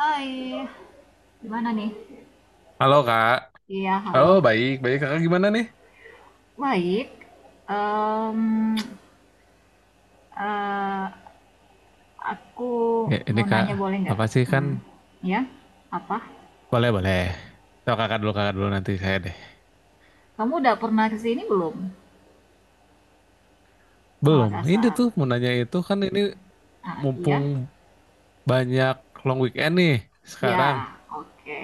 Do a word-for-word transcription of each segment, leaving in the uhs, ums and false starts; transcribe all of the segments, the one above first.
Hai, gimana nih? Halo Kak. Iya, halo. Oh baik, baik Kakak gimana nih? Baik. Em, eh, aku Ya, ini mau Kak, nanya boleh nggak? apa sih kan? Hmm, ya, apa? Boleh, boleh. So, kakak dulu, kakak dulu nanti saya deh. Kamu udah pernah ke sini belum? Ke Belum, ini Makassar. tuh mau nanya itu kan ini Ah, mumpung iya. banyak long weekend nih sekarang. Ya, oke.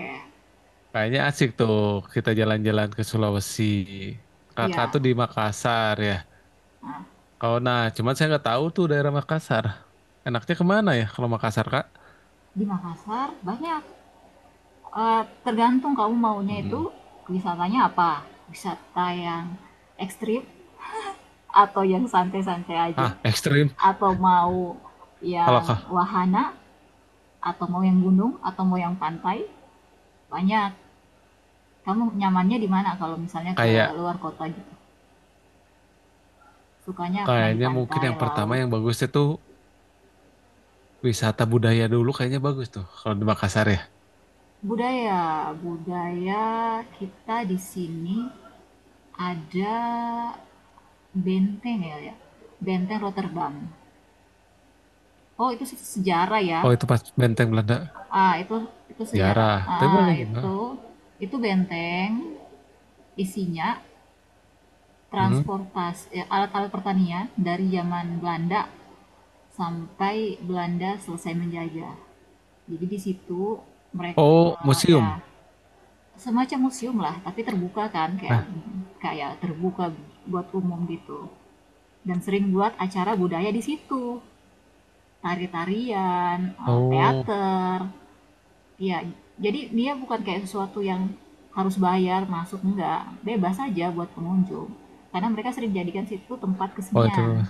Kayaknya asik tuh kita jalan-jalan ke Sulawesi. Kakak Ya. tuh di Makassar ya. Nah, Oh nah, cuman saya nggak tahu tuh daerah Makassar. Enaknya kemana ya kalau Makassar, Kak? di Makassar banyak. Eh, tergantung kamu maunya itu Mm-mm. wisatanya apa? Wisata yang ekstrim atau yang santai-santai aja? Ah, ekstrim. Atau mau Kalau yang kak, wahana, atau mau yang gunung atau mau yang pantai, banyak. Kamu nyamannya di mana kalau misalnya ke kayak luar kota gitu? Sukanya main di kayaknya mungkin pantai yang pertama laut, yang bagusnya tuh wisata budaya dulu kayaknya bagus tuh kalau di Makassar ya. budaya. Budaya kita di sini ada benteng, ya, ya, benteng Rotterdam, oh itu sejarah ya, Oh itu pas benteng Belanda ah itu itu sejarah, jarah, tapi ah boleh juga. itu itu benteng, isinya Hmm. transportasi, eh, alat-alat pertanian dari zaman Belanda sampai Belanda selesai menjajah. Jadi di situ mereka, Oh uh, ya, museum. semacam museum lah, tapi terbuka, kan Eh, kayak kayak terbuka buat umum gitu. Dan sering buat acara budaya di situ, tari-tarian, eh, oh, teater. Ya, jadi dia bukan kayak sesuatu yang harus bayar masuk, enggak, bebas aja buat pengunjung, karena mereka sering jadikan situ tempat oh kesenian. itu.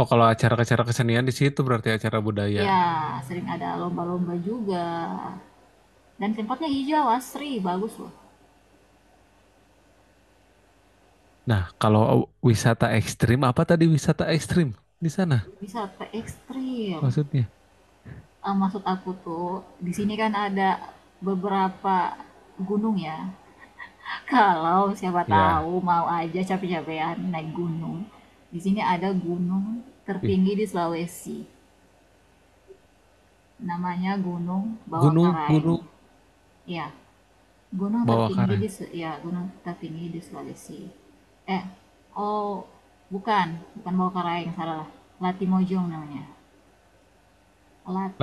Oh kalau acara-acara kesenian di situ berarti acara budaya. Iya, sering ada lomba-lomba juga. Dan tempatnya hijau, asri, bagus loh. Nah kalau wisata ekstrim apa tadi wisata ekstrim di sana Wisata ekstrim. maksudnya? Eh, maksud aku tuh, di sini kan ada beberapa gunung ya. Kalau siapa tahu Ya, mau aja capek-capekan naik gunung. Di sini ada gunung ih, tertinggi di Sulawesi. Namanya Gunung gunung Bawakaraeng. gunung Iya, gunung bawah tertinggi karang, di se, ya, gunung tertinggi di Sulawesi. Eh, oh bukan, bukan Bawakaraeng, salah. Latimojong namanya.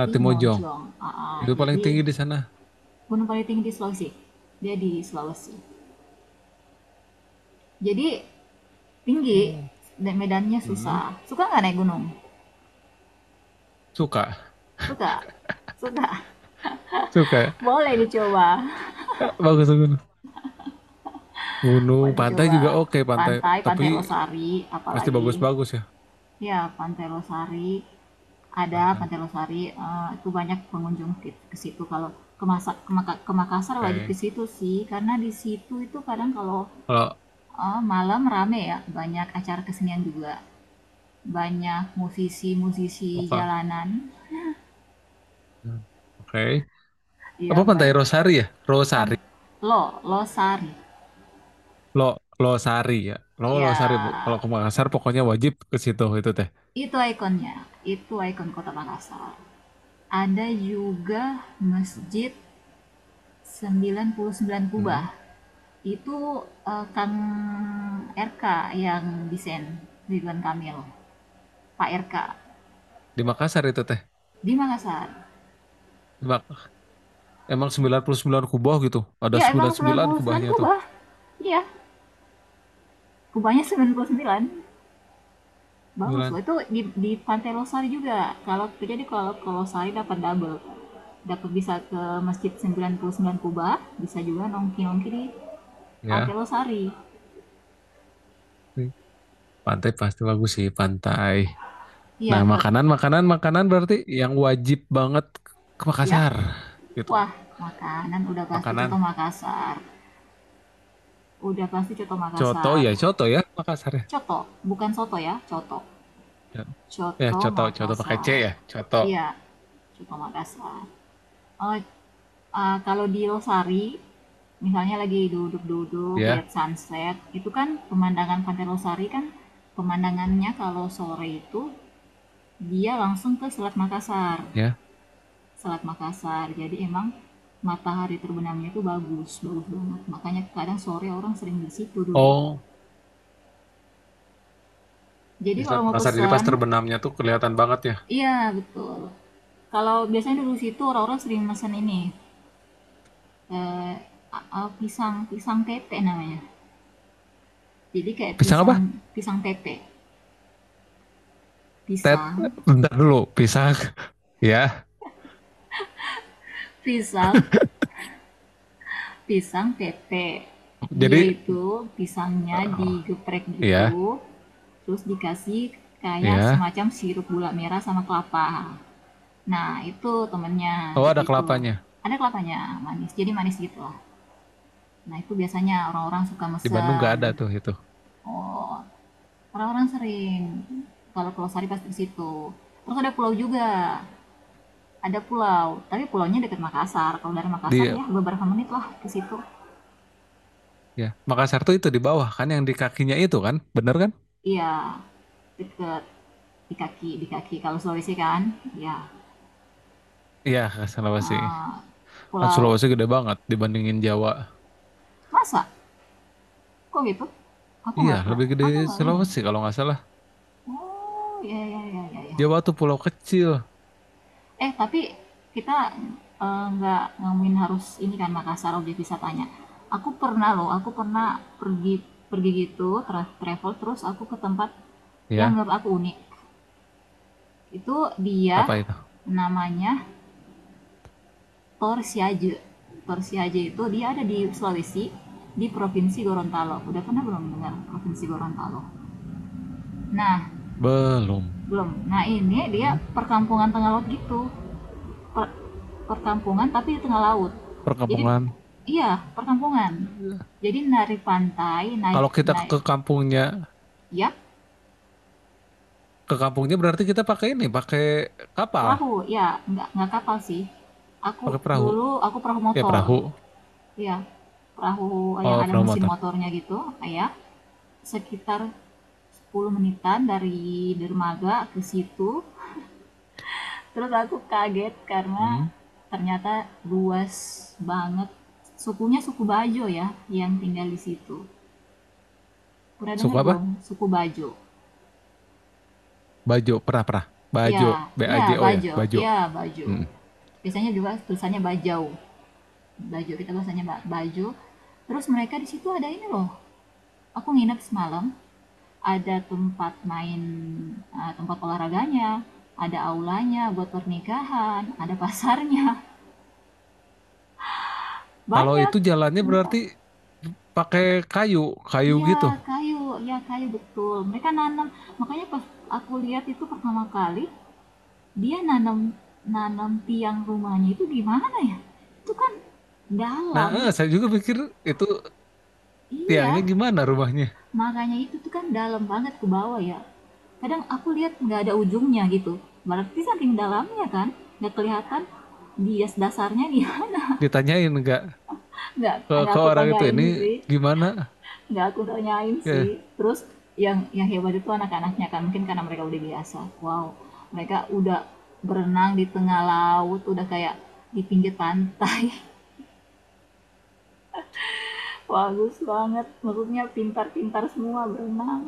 Latimojong Aa, itu paling jadi tinggi di sana. gunung paling tinggi di Sulawesi. Dia di Sulawesi. Jadi tinggi, Hmm. dan medannya Hmm. susah. Suka nggak naik gunung? Suka, Suka. Suka. suka. Boleh dicoba. Eh, Bagus gunung. Gunung, Boleh pantai coba juga oke pantai. pantai, Tapi Pantai Losari pasti apalagi, bagus-bagus ya ya Pantai Losari. Ada pantai. Pantai Losari, eee, itu banyak pengunjung ke ke situ. Kalau ke Masa ke Maka ke Makassar wajib ke Oke. situ sih, karena di situ itu kadang kalau, Kalau eee, malam rame ya, banyak acara kesenian juga. Banyak musisi-musisi oke. jalanan, Hmm. Oke. Apa ya, pantai ban Rosari ya? pan Rosari. Lo Losari. Lo Losari ya. Lo Losari, Bu. Kalau Ya, ke Makassar pokoknya wajib ke situ itu teh. itu ikonnya, itu ikon Kota Makassar. Ada juga Masjid sembilan puluh sembilan Kubah. Hmm. Itu, eee, Kang R K yang desain, Ridwan Kamil, Pak R K, Di Makassar itu teh. di Makassar. Di Mak- Emang sembilan puluh sembilan kubah gitu. Ada Iya emang sembilan puluh sembilan sembilan puluh sembilan kubahnya tuh. kubah, iya, kubahnya sembilan puluh sembilan, bagus sembilan loh, itu di di Pantai Losari juga, kalau jadi kalau ke Losari dapat double, dapat bisa ke Masjid sembilan puluh sembilan Kubah, bisa juga nongki-nongki di Pantai Ya. Losari. Hmm. Pantai pasti bagus sih, pantai. Nah, Iya ter makanan makanan makanan berarti yang wajib banget ke ya, Makassar gitu. wah, makanan udah pasti coto Makanan Makassar, udah pasti coto coto Makassar. ya, coto ya Makassar, ya. Coto, bukan soto ya, coto. Ya, ya, Coto coto, coto pakai C Makassar. ya, coto. Iya, coto Makassar. Oh, eh, kalau di Losari, misalnya lagi duduk-duduk Ya, lihat sunset, itu kan pemandangan Pantai Losari kan, pemandangannya kalau sore itu dia langsung ke Selat Makassar. ya. Selat Makassar. Jadi emang matahari terbenamnya itu bagus, bagus banget. Makanya kadang sore orang sering di situ duduk. Oh, Jadi di kalau Selat mau Makassar. Jadi pas pesan. terbenamnya tuh kelihatan banget ya. Iya, betul. Kalau biasanya dulu situ orang-orang sering mesen ini, eee, a a pisang pisang tepe namanya. Jadi kayak Pisang pisang, apa? pisang tepe, Tet, pisang bentar dulu. Pisang. Ya, pisang pisang tepe. Dia jadi, itu pisangnya oh, digeprek ya, gitu, terus dikasih kayak ya. semacam sirup gula merah sama kelapa. Nah, itu temennya Oh, di ada situ. kelapanya. Ada kelapanya, manis, jadi manis gitulah. Nah, itu biasanya orang-orang suka Di Bandung nggak mesen. ada tuh itu. Oh. Orang-orang sering. Kalau Pulau Sari pasti ke situ. Terus ada pulau juga. Ada pulau, tapi pulaunya dekat Makassar. Kalau dari Makassar Di, ya beberapa menit lah ke situ. ya, Makassar tuh itu di bawah kan, yang di kakinya itu kan, bener kan? Iya, deket di kaki, di kaki. Kalau Sulawesi kan, ya, Iya, Sulawesi. eh, Kan pulau, Sulawesi gede banget dibandingin Jawa. masa kok gitu? Aku Iya, nggak pernah, lebih gede aku nggak ini. Sulawesi kalau nggak salah. Oh, ya, ya, ya, ya, ya. Jawa tuh pulau kecil. Eh, tapi kita, eh, nggak ngomongin harus ini kan Makassar objek wisatanya. Aku pernah loh, aku pernah pergi pergi gitu tra- travel, terus aku ke tempat yang Ya, menurut aku unik. Itu dia apa itu? namanya Torsiaje. Torsiaje itu dia ada di Sulawesi, di Provinsi Gorontalo. Udah pernah belum dengar Provinsi Gorontalo? Nah, Belum. belum. Nah, ini dia Hmm, perkampungan tengah laut gitu. per- perkampungan tapi di tengah laut. Jadi perkampungan. iya, perkampungan. Jadi dari pantai naik, Kalau kita naik, ke kampungnya, ya, ke kampungnya berarti kita pakai ini, pakai kapal, perahu, ya, nggak nggak kapal sih. Aku pakai perahu. dulu aku perahu Ya motor. perahu. Ya, perahu yang Oh, ada perahu mesin motor. motornya gitu, ya. Sekitar sepuluh menitan dari dermaga ke situ. Terus aku kaget karena Hmm. ternyata luas banget. Sukunya suku Bajo ya, yang tinggal di situ. Udah denger Suku belum? apa? Suku Bajo. Bajo, pernah-pernah. Ya, Bajo, B A ya J O ya, Bajo, Bajo. ya Bajo. Hmm. Biasanya juga tulisannya Bajau. Bajo, kita bahasanya Ba- Bajo. Terus mereka di situ ada ini loh. Aku nginep semalam, ada tempat main, eh, tempat olahraganya, ada aulanya buat pernikahan, ada pasarnya. Kalau Banyak. itu jalannya berarti pakai kayu, kayu Iya, gitu. kayu, ya kayu betul. Mereka nanam. Makanya pas aku lihat itu pertama kali, dia nanam nanam tiang rumahnya itu gimana ya? Itu kan Nah, dalam. eh, saya juga pikir itu tiangnya Iya, gimana rumahnya. makanya itu tuh kan dalam banget ke bawah ya. Kadang aku lihat nggak ada ujungnya gitu. Berarti saking dalamnya kan, nggak kelihatan bias dasarnya dia. Ditanyain enggak nggak ke, nggak ke aku orang itu tanyain ini sih, gimana? nggak aku tanyain sih. Ya, Terus yang yang hebat itu anak-anaknya kan, mungkin karena mereka udah biasa. Wow, mereka udah berenang di tengah laut, udah kayak di pinggir pantai. Bagus banget, maksudnya pintar-pintar semua berenang.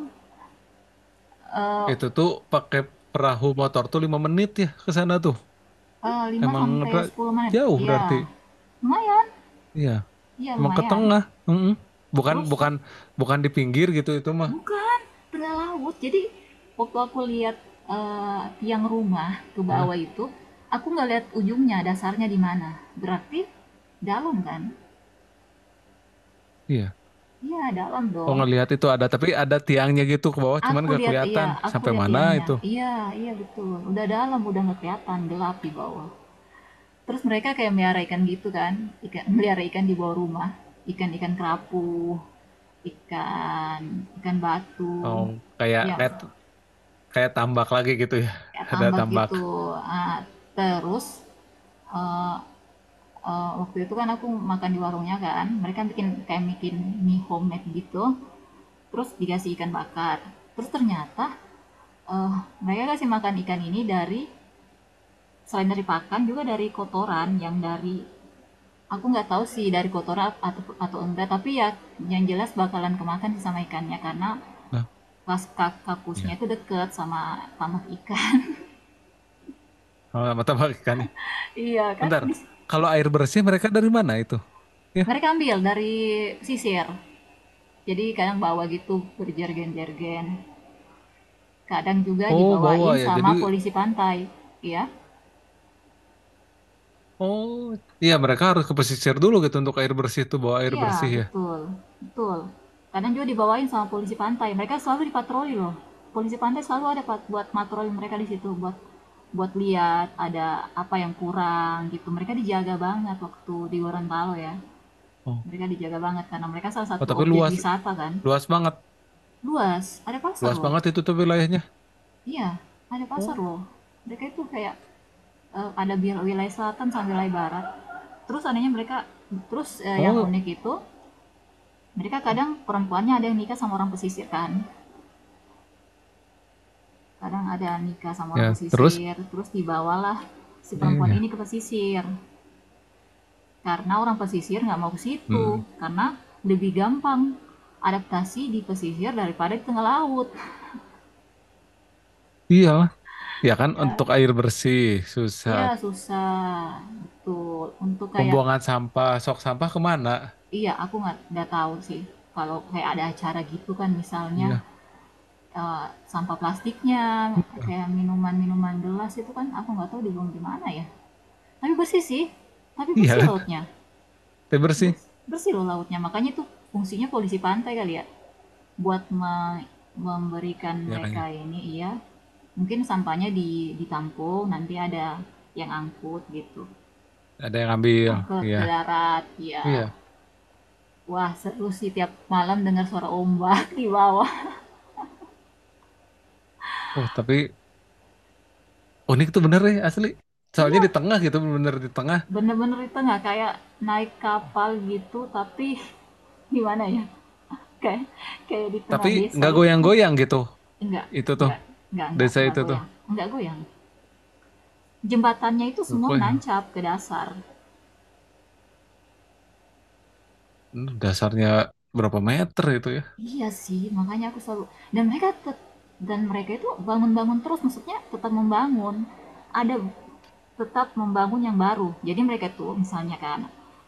Eh, itu tuh pakai perahu motor tuh lima menit ya ke sana tuh. eh, lima Emang sampai ra- sepuluh menit. jauh berarti. Ya, lumayan. Iya, Ya, emang ke lumayan. tengah. Mm-mm. Bukan Terus bukan bukan di pinggir gitu itu mah. bukan tengah laut. Jadi waktu aku lihat, eh, tiang rumah ke Ya, bawah itu, aku nggak lihat ujungnya, dasarnya di mana. Berarti dalam kan? iya. Iya, dalam Oh dong. ngelihat itu ada tapi ada tiangnya gitu ke bawah cuman Aku gak lihat iya, kelihatan aku sampai lihat mana tiangnya. itu. Iya, iya betul. Udah dalam, udah nggak kelihatan gelap di bawah. Terus mereka kayak melihara ikan gitu kan, ikan, melihara ikan di bawah rumah, ikan-ikan kerapu, ikan ikan batu, Oh, kayak ya kayak kayak tambak lagi gitu ya. kayak Ada tambak tambak. gitu. Ah, terus eh, eh, waktu itu kan aku makan di warungnya kan, mereka bikin kayak bikin mie homemade gitu, terus dikasih ikan bakar. Terus ternyata, eh, mereka kasih makan ikan ini dari, selain dari pakan juga dari kotoran yang dari, aku nggak tahu sih dari kotoran atau atau enggak, tapi ya yang jelas bakalan kemakan sih sama ikannya, karena Nah, pas kak- kakusnya iya. itu deket sama tamak ikan. Sama sama tambak ikannya. Iya kan? Bentar. Di- Kalau air bersih mereka dari mana itu? Ya. mereka ambil dari sisir. Jadi kadang bawa gitu berjergen-jergen. Kadang juga Oh, dibawain bawa ya. sama Jadi, polisi pantai, ya. oh, iya mereka harus ke pesisir dulu gitu untuk air bersih itu bawa air Iya, bersih ya. betul, betul. Kadang juga dibawain sama polisi pantai. Mereka selalu dipatroli loh. Polisi pantai selalu ada Pak, buat patroli mereka di situ, buat buat lihat ada apa yang kurang gitu. Mereka dijaga banget waktu di Gorontalo ya. Oh, Mereka dijaga banget karena mereka salah oh satu tapi objek luas wisata kan. luas banget, Luas, ada pasar luas loh. banget itu tuh wilayahnya. Iya, ada pasar Oh, loh. Mereka itu kayak, eh, ada bil- wilayah selatan sampai wilayah barat. Terus anehnya mereka, terus eh, yang oh, unik itu mereka kadang oh. perempuannya ada yang nikah sama orang pesisir kan, kadang ada nikah sama orang Ya, terus. pesisir terus dibawalah si Iya, perempuan iya. ini ke pesisir, karena orang pesisir nggak mau ke situ Hmm. karena lebih gampang adaptasi di pesisir daripada di tengah laut. Iyalah, ya kan untuk air bersih susah. Iya susah betul untuk kayak, Pembuangan sampah, sok sampah kemana? iya aku nggak nggak tahu sih kalau kayak ada acara gitu, kan misalnya, Iya, eh, sampah plastiknya iya. kayak minuman-minuman gelas itu kan aku nggak tahu dibuang di mana ya. Tapi bersih sih. Tapi Iya bersih kan, lautnya. air bersih, Bersih loh lautnya. Makanya itu fungsinya polisi pantai kali ya. Buat me- memberikan ya kan mereka ya. ini iya. Mungkin sampahnya di ditampung, nanti ada yang angkut gitu. Ada yang ambil, Angkut iya, ke darat, ya. iya. Wah, seru sih tiap malam dengar suara ombak di bawah. Oh, tapi unik tuh bener ya asli. Soalnya Iya, di tengah gitu, bener di tengah. bener-bener itu nggak kayak naik kapal gitu, tapi gimana ya? Kayak kayak di tengah Tapi desa nggak itu. goyang-goyang gitu. Enggak Itu tuh enggak enggak enggak desa enggak itu tuh goyang, enggak goyang. Jembatannya itu semua gue ya. menancap ke dasar. Hmm, dasarnya berapa meter itu ya. Iya sih, makanya aku selalu, dan mereka dan mereka itu bangun-bangun terus, maksudnya tetap membangun. Ada tetap membangun yang baru. Jadi mereka tuh misalnya kan,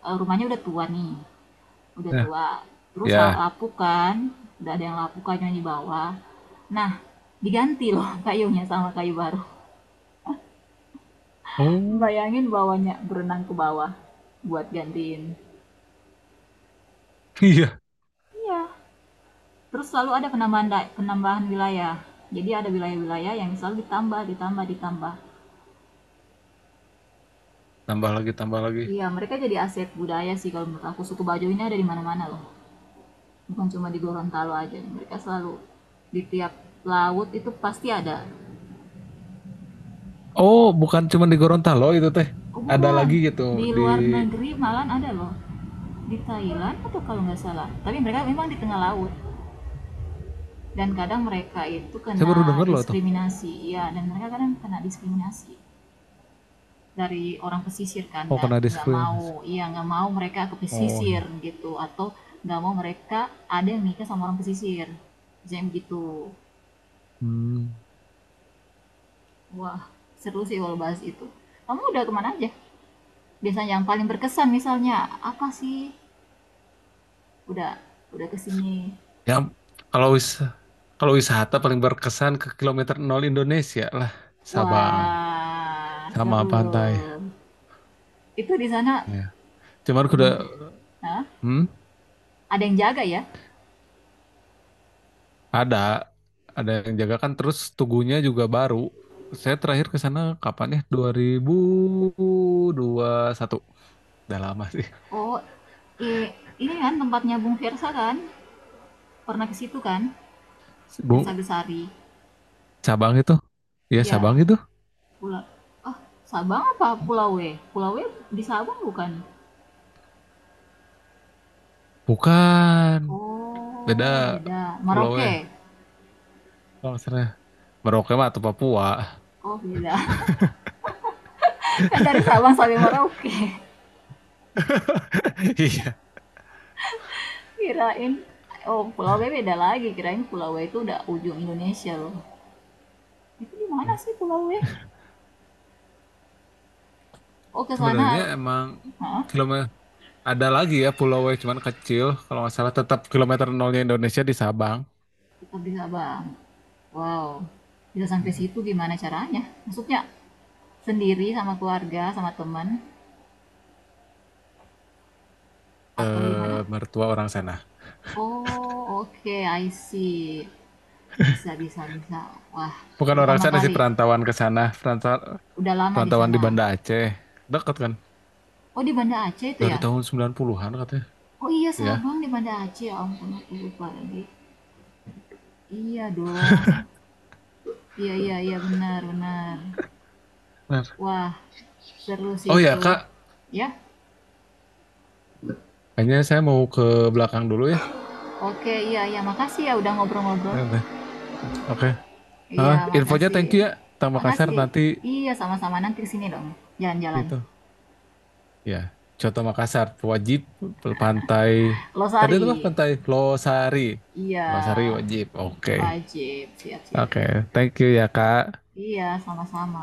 eh, rumahnya udah tua nih, udah Ya, tua. Terus ra- ya. lapuk kan, udah ada yang lapuk kayunya di bawah. Nah, diganti loh kayunya sama kayu baru. Oh. Bayangin bawahnya berenang ke bawah buat gantiin. Iya, Iya, terus selalu ada penambahan, penambahan wilayah. Jadi ada wilayah-wilayah yang selalu ditambah, ditambah, ditambah. tambah lagi tambah lagi. Iya, mereka jadi aset budaya sih kalau menurut aku. Suku Bajo ini ada di mana-mana loh. Bukan cuma di Gorontalo aja. Mereka selalu di tiap laut itu pasti ada. Oh, bukan cuma di Gorontalo itu teh. Oh Ada lagi bukan, gitu di di. luar negeri malah ada loh. Di Thailand atau kalau nggak salah. Tapi mereka memang di tengah laut. Dan kadang mereka itu Saya kena baru denger loh itu. diskriminasi. Iya, dan mereka kadang kena diskriminasi. Dari orang pesisir kan, Oh, kena nggak mau, diskriminasi. iya, nggak mau mereka ke Oh, pesisir iya. gitu, atau nggak mau mereka ada yang nikah sama orang pesisir, jam gitu. Hmm, Wah, seru sih kalau bahas itu. Kamu udah kemana aja? Biasanya yang paling berkesan misalnya apa sih? Udah udah kesini. ya. Kalau wis kalau wisata paling berkesan ke kilometer nol Indonesia lah. Sabang Wah, sama pantai seru. Itu di sana ya cuman kuda. belum, hah? Hmm. Ada yang jaga ya? Ada, ada yang jaga kan terus tugunya juga baru. Saya terakhir ke sana kapan ya? Dua ribu dua puluh satu. Udah lama sih. Oh, eh ini kan tempatnya Bung Versa kan? Pernah ke situ kan? Desa Bu, Besari. cabang itu. Iya, Ya, cabang itu. pulau. Ah, Sabang apa Pulau W? Pulau W di Sabang bukan? Bukan. Beda Oh, beda. pulau Merauke. eh. Kalau nggak salah. Merauke mah atau Papua. Oh, beda. Kan dari Sabang sampai Merauke. Iya. Kirain, oh, Pulau W beda lagi. Kirain Pulau W itu udah ujung Indonesia loh. Itu di mana sih Pulau W? Oh, ke Sebenarnya sana. emang Hah? kilometer ada lagi ya pulau eh, cuman kecil. Kalau nggak salah tetap kilometer nolnya Indonesia di Sabang. Tetap di Sabang. Wow. Bisa sampai situ gimana caranya? Maksudnya sendiri sama keluarga, sama teman, atau gimana? Eh, Mertua orang sana. Oh, oke, I see. Bisa, bisa, bisa. Wah, Bukan orang pertama sana sih kali. perantauan ke sana, perantauan Udah lama di perantauan di sana. Banda Aceh. Dekat kan? Oh, di Banda Aceh itu Dari ya? tahun sembilan puluhan-an katanya. Oh iya, Ya. Sabang di Banda Aceh. Ya ampun, aku lupa lagi. Iya dong. Iya, iya, iya, benar, benar. Benar. Wah, seru sih Oh ya, itu. Kak. Ya, Kayaknya saya mau ke belakang dulu ya. oke, iya, iya. Makasih ya udah ngobrol-ngobrol. Nanti. Oke. Hah, Iya, infonya makasih. thank you ya. Kota Makassar Makasih. nanti Iya, sama-sama. Nanti kesini dong. Jalan-jalan. gitu. Ya, Coto Makassar wajib Pe- pantai. Tadi Losari. itu apa pantai Losari. Iya. Losari wajib. Oke. Wajib, siap, siap, siap. Oke, thank you ya, Kak. Iya, sama-sama.